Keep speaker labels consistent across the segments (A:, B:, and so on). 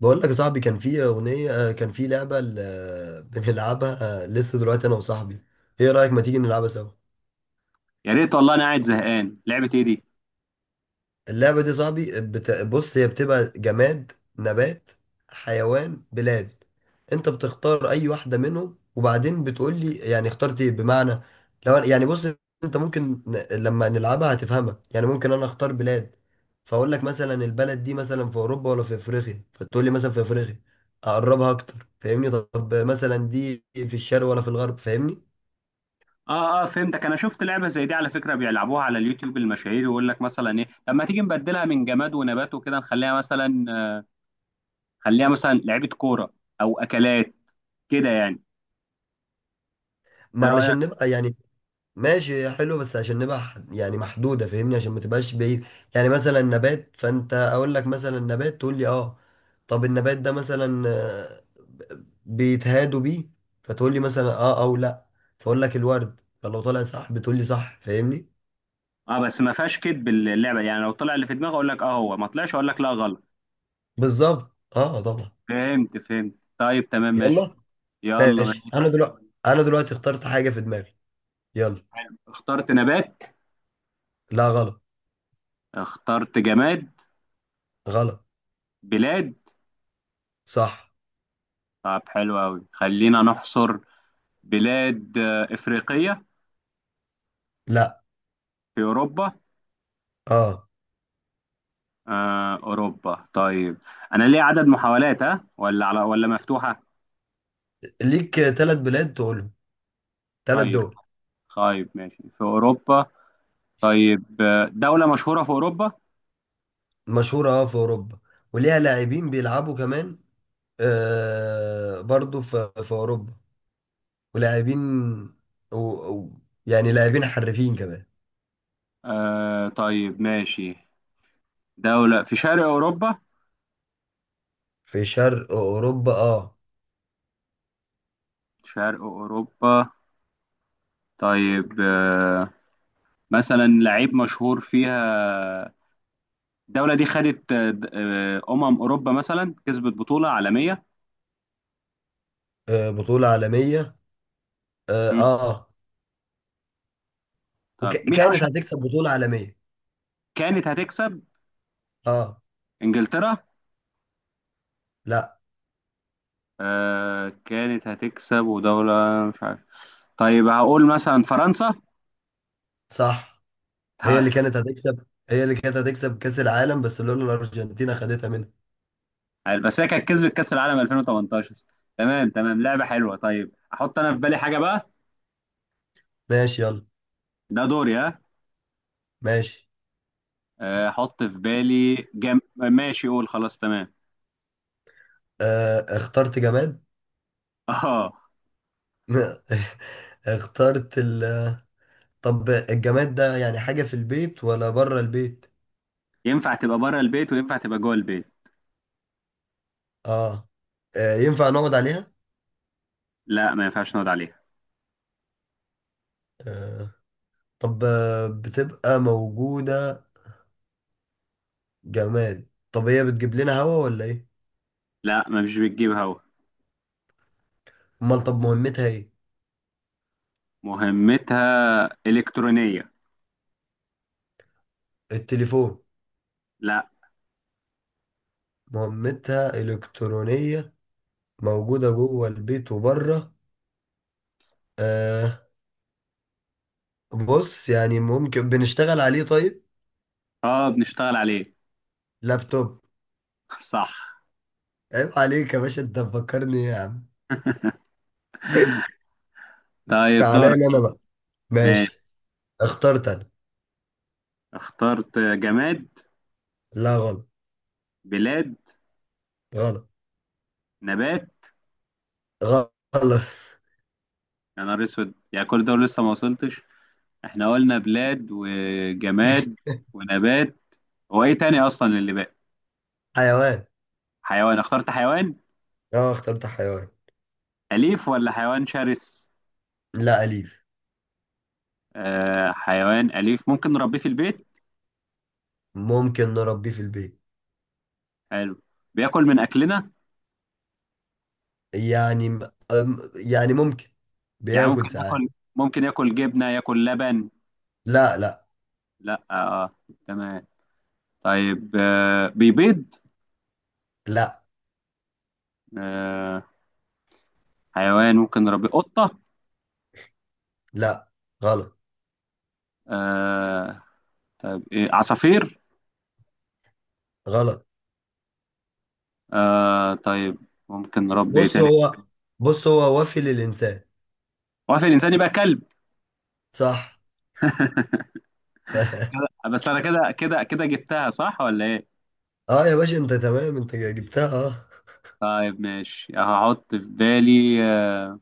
A: بقول لك يا صاحبي، كان في أغنية، كان في لعبة بنلعبها. لسه دلوقتي أنا وصاحبي. إيه رأيك ما تيجي نلعبها سوا؟
B: يا ريت والله، انا قاعد زهقان. لعبه ايه دي؟
A: اللعبة دي صاحبي بص، هي بتبقى جماد، نبات، حيوان، بلاد. انت بتختار اي واحدة منهم وبعدين بتقول لي يعني اخترت ايه. بمعنى لو يعني بص، انت ممكن لما نلعبها هتفهمها. يعني ممكن انا اختار بلاد، فاقول لك مثلا البلد دي مثلا في اوروبا ولا في افريقيا، فتقول لي مثلا في افريقيا. اقربها اكتر، فاهمني؟ طب مثلا دي في الشرق ولا في الغرب، فاهمني؟
B: اه فهمتك. انا شفت لعبه زي دي على فكره بيلعبوها على اليوتيوب المشاهير، يقول لك مثلا ايه طب ما تيجي نبدلها من جماد ونبات وكده، نخليها مثلا خليها مثلا لعبه كوره او اكلات، كده يعني.
A: ما
B: ايه رايك؟
A: علشان نبقى يعني. ماشي، حلو، بس عشان نبقى يعني محدودة، فاهمني؟ عشان ما تبقاش بعيد. يعني مثلا نبات، فانت اقول لك مثلا نبات تقول لي اه. طب النبات ده مثلا، بيتهادوا بيه؟ فتقول لي مثلا اه او لا. فاقول لك الورد، فلو طلع صح بتقول لي صح، فاهمني؟
B: اه بس ما فيهاش كدب اللعبه، يعني لو طلع اللي في دماغي اقول لك اه، هو ما طلعش اقول لك لا غلط.
A: بالظبط، اه طبعا.
B: فهمت طيب، تمام ماشي.
A: يلا.
B: يلا
A: ماشي،
B: ماشي.
A: انا دلوقتي انا دلوقتي اخترت حاجة في دماغي. يلا.
B: حلو. اخترت نبات.
A: لا، غلط.
B: اخترت جماد.
A: غلط.
B: بلاد.
A: صح.
B: طب حلو قوي، خلينا نحصر. بلاد، افريقيه؟
A: لا.
B: في اوروبا؟
A: اه.
B: أوروبا طيب. أنا ليه عدد محاولات، ها؟ ولا على ولا مفتوحة؟
A: ليك ثلاث بلاد تقولهم، ثلاث
B: طيب.
A: دول.
B: طيب ماشي، في أوروبا. طيب، دولة مشهورة في أوروبا.
A: مشهورة، اه، في أوروبا. وليها لاعبين بيلعبوا كمان. آه، برضو في أوروبا. ولاعبين. و... و... يعني لاعبين حرفيين كمان.
B: آه طيب ماشي. دولة في شرق أوروبا.
A: في شرق أوروبا، اه.
B: شرق أوروبا. طيب مثلا لعيب مشهور فيها. الدولة دي خدت، أمم أوروبا، مثلا كسبت بطولة عالمية.
A: آه، بطولة عالمية. اه،
B: مم.
A: آه.
B: طب مين
A: وكانت
B: أشهر؟
A: هتكسب بطولة عالمية.
B: كانت هتكسب.
A: اه.
B: إنجلترا؟
A: لا.
B: آه كانت هتكسب ودولة. مش عارف. طيب هقول مثلا فرنسا.
A: صح. هي اللي كانت هتكسب، هي اللي كانت هتكسب كأس العالم بس لولا الأرجنتين خدتها منها.
B: طيب بس هي كانت كسبت كأس العالم 2018. تمام تمام، لعبة حلوة. طيب احط انا في بالي حاجة بقى.
A: ماشي، يلا.
B: ده دوري، ها؟
A: ماشي.
B: آه، احط في بالي جم... ماشي قول خلاص تمام.
A: آه، اخترت جماد.
B: اه.
A: اخترت طب الجماد ده يعني حاجة في البيت ولا بره البيت؟
B: ينفع تبقى بره البيت وينفع تبقى جوه البيت.
A: اه. ينفع نقعد عليها؟
B: لا ما ينفعش نقعد عليها.
A: آه. طب، بتبقى موجودة. جماد، طب هي بتجيب لنا هوا ولا ايه؟
B: لا ما مش بتجيب هوا.
A: امال طب مهمتها ايه؟
B: مهمتها إلكترونية.
A: التليفون.
B: لا.
A: مهمتها إلكترونية، موجودة جوه البيت وبره. آه. بص، يعني ممكن بنشتغل عليه، طيب؟
B: اه بنشتغل عليه.
A: لابتوب.
B: صح.
A: عيب عليك يا باشا، انت مفكرني إيه يا عم.
B: طيب دور.
A: تعالى لي انا بقى.
B: ماشي.
A: ماشي. اخترت انا.
B: اخترت جماد.
A: لا، غلط.
B: بلاد.
A: غلط.
B: نبات.
A: غلط.
B: يا نهار اسود، يعني كل دول لسه ما وصلتش. احنا قلنا بلاد وجماد ونبات، هو ايه تاني اصلا اللي باقي؟
A: حيوان.
B: حيوان؟ اخترت حيوان.
A: اه، اخترت حيوان.
B: اليف ولا حيوان شرس؟
A: لا، أليف.
B: آه حيوان اليف ممكن نربيه في البيت.
A: ممكن نربيه في البيت.
B: حلو. بياكل من اكلنا؟
A: يعني م- يعني ممكن،
B: يعني
A: بياكل
B: ممكن
A: ساعات.
B: ياكل. ممكن ياكل جبنة ياكل لبن.
A: لا، لا.
B: لا. آه. تمام. طيب آه بيبيض.
A: لا.
B: آه حيوان ممكن نربيه، قطة؟
A: لا. غلط.
B: آه طيب، ايه، عصافير؟
A: غلط.
B: آه طيب ممكن نربي ايه
A: بص
B: تاني؟
A: هو بص هو وفي للإنسان.
B: هو في الإنسان؟ يبقى كلب.
A: صح.
B: كده بس. أنا كده جبتها صح ولا إيه؟
A: اه يا باشا، انت تمام، انت جبتها، اه.
B: طيب ماشي، هحط في بالي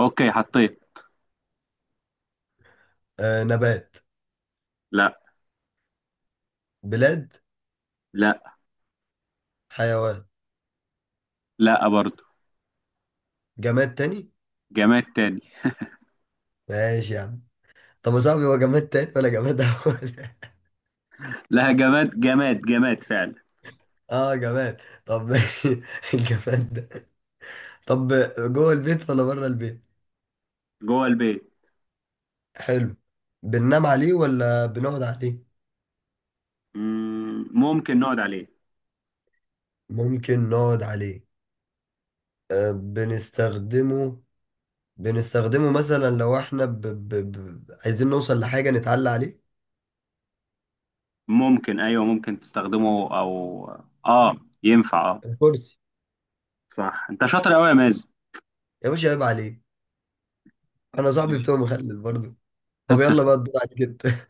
B: أوكي حطيت.
A: آه، نبات.
B: لا.
A: بلاد.
B: لا.
A: حيوان.
B: لا برضه.
A: جماد تاني.
B: جماد تاني.
A: ماشي يا عم. طب يا صاحبي، هو جماد تاني ولا جماد أول؟
B: لا جماد فعلا.
A: اه جماد، طب ماشي. الجماد ده، طب جوه البيت ولا بره البيت؟
B: جوه البيت.
A: حلو. بننام عليه ولا بنقعد عليه؟
B: ممكن نقعد عليه.
A: ممكن نقعد عليه. أه، بنستخدمه. بنستخدمه مثلا لو احنا عايزين نوصل لحاجة نتعلى عليه.
B: ممكن. أيوه ممكن تستخدمه أو آه ينفع آه.
A: الكرسي.
B: صح، أنت شاطر أوي يا مازن.
A: يا باشا عيب عليه، انا صاحبي بتوع مخلل برضه. طب يلا بقى الدور عليك انت.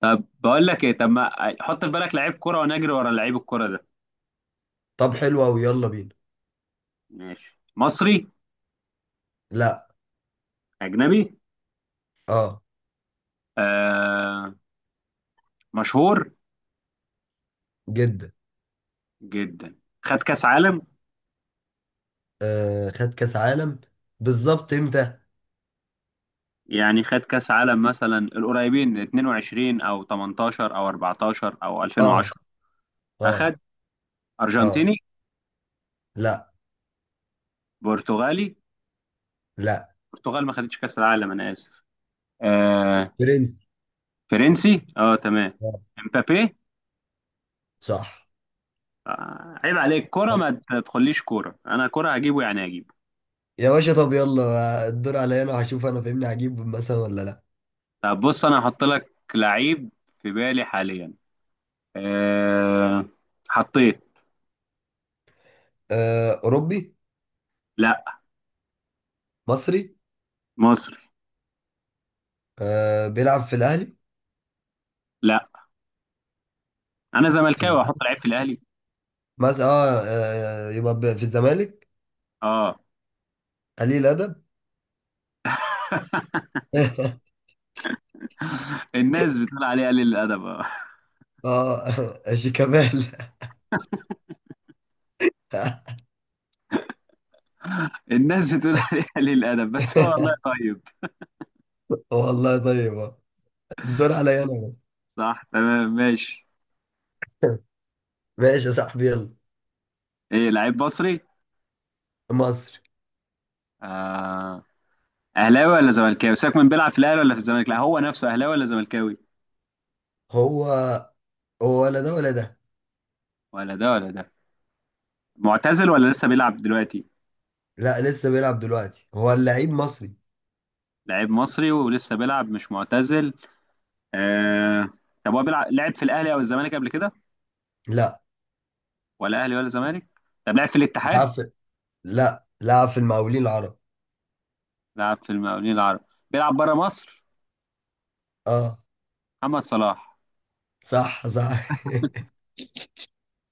B: طب بقول لك إيه، طب ما حط في بالك لعيب كرة ونجري ورا لعيب الكرة ده.
A: طب حلو قوي، يلا بينا.
B: ماشي. مصري؟
A: لا.
B: أجنبي.
A: اه.
B: آه. مشهور.
A: جدا.
B: جدا. خد كاس عالم.
A: أه، خد كاس عالم. بالظبط امتى؟
B: يعني خد كاس عالم مثلا القريبين، 22 او 18 او 14 او
A: اه.
B: 2010. اخد.
A: اه.
B: ارجنتيني؟
A: اه. لا.
B: برتغالي؟
A: لا.
B: البرتغال ما خدتش كاس العالم، انا اسف. آه
A: برنس.
B: فرنسي، اه تمام.
A: آه.
B: امبابي.
A: صح.
B: آه عيب عليك، كرة ما تدخليش كورة؟ انا كرة هجيبه يعني هجيبه.
A: يا باشا طب يلا الدور عليا انا، هشوف انا فاهمني هجيب مثلا ولا لا.
B: طب بص انا هحط لك لعيب في بالي حاليا. آه حطيت.
A: اوروبي.
B: لا.
A: مصري.
B: مصر.
A: بيلعب في الاهلي.
B: لا انا
A: في
B: زملكاوي، احط
A: الزمالك
B: العيب في الاهلي؟
A: مثلا، اه، يبقى في الزمالك.
B: اه.
A: قليل ادب.
B: الناس بتقول عليه قليل الادب، اه.
A: اه شيكابالا.
B: الناس بتقول عليه قليل الادب بس هو والله طيب.
A: والله طيب، آه. الدور عليا انا.
B: صح تمام، ماشي.
A: ماشي يا صاحبي، يلا.
B: ايه لعيب مصري.
A: مصري.
B: آه. اهلاوي ولا زملكاوي؟ سيبك من بيلعب في الاهلي ولا في الزمالك، لا هو نفسه اهلاوي ولا زملكاوي؟
A: هو، هو ولا ده ولا ده.
B: ولا ده ولا ده. معتزل ولا لسه بيلعب دلوقتي؟
A: لا، لسه بيلعب دلوقتي، هو اللعيب مصري.
B: لعيب مصري ولسه بيلعب، مش معتزل. آه. طب هو بيلعب، لعب في الاهلي او الزمالك قبل كده؟
A: لا
B: ولا اهلي ولا زمالك. طب لعب في
A: لعب
B: الاتحاد؟
A: في لا لعب في المقاولين العرب.
B: لعب في المقاولين العرب. بيلعب بره مصر.
A: آه.
B: محمد صلاح.
A: صح، صح.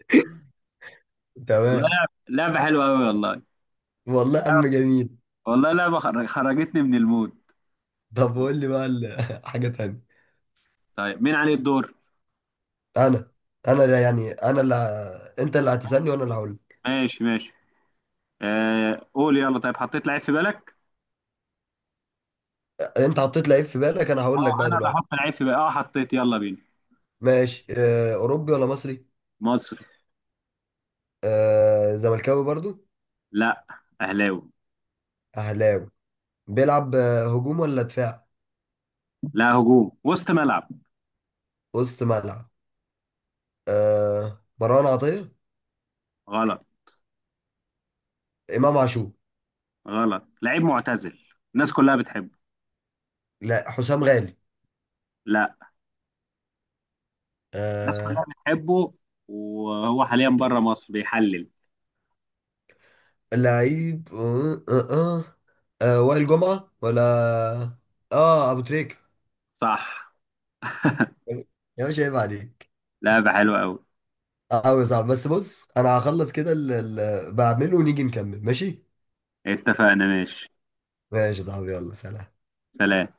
B: والله
A: تمام.
B: لعبة حلوة أوي والله.
A: والله أم
B: لعبة-
A: جميل.
B: والله لعبة خرجتني من المود.
A: طب قول لي بقى حاجة تانية.
B: طيب مين عليه الدور؟
A: أنا. أنا اللي يعني، أنا اللي أنت اللي هتسألني وأنا اللي هقول لك.
B: ماشي ماشي. آه قول يلا. طيب حطيت لعيب في بالك؟
A: أنت حطيت لعيب في بالك، أنا هقول لك
B: اه
A: بقى
B: أنا اللي
A: دلوقتي.
B: هحط لعيب في بالك، اه حطيت يلا بينا.
A: ماشي. أوروبي ولا مصري؟
B: مصري.
A: زملكاوي برضو؟
B: لا أهلاوي.
A: أهلاوي. بيلعب هجوم ولا دفاع؟
B: لا هجوم، وسط ملعب.
A: وسط ملعب. مروان عطية.
B: غلط.
A: إمام عاشور.
B: غلط، لعيب معتزل. الناس كلها بتحبه.
A: لا، حسام غالي.
B: لا. الناس كلها
A: آه.
B: بتحبه، وهو حاليا بره مصر بيحلل.
A: لعيب وائل جمعة ولا اه ابو تريكة.
B: صح.
A: يا باشا عيب عليك.
B: لعبة حلوة أوي.
A: قوي صعب، بس بص انا هخلص كده اللي بعمله ونيجي نكمل، ماشي؟
B: اتفقنا ماشي.
A: ماشي يا صاحبي، يلا، سلام.
B: سلام.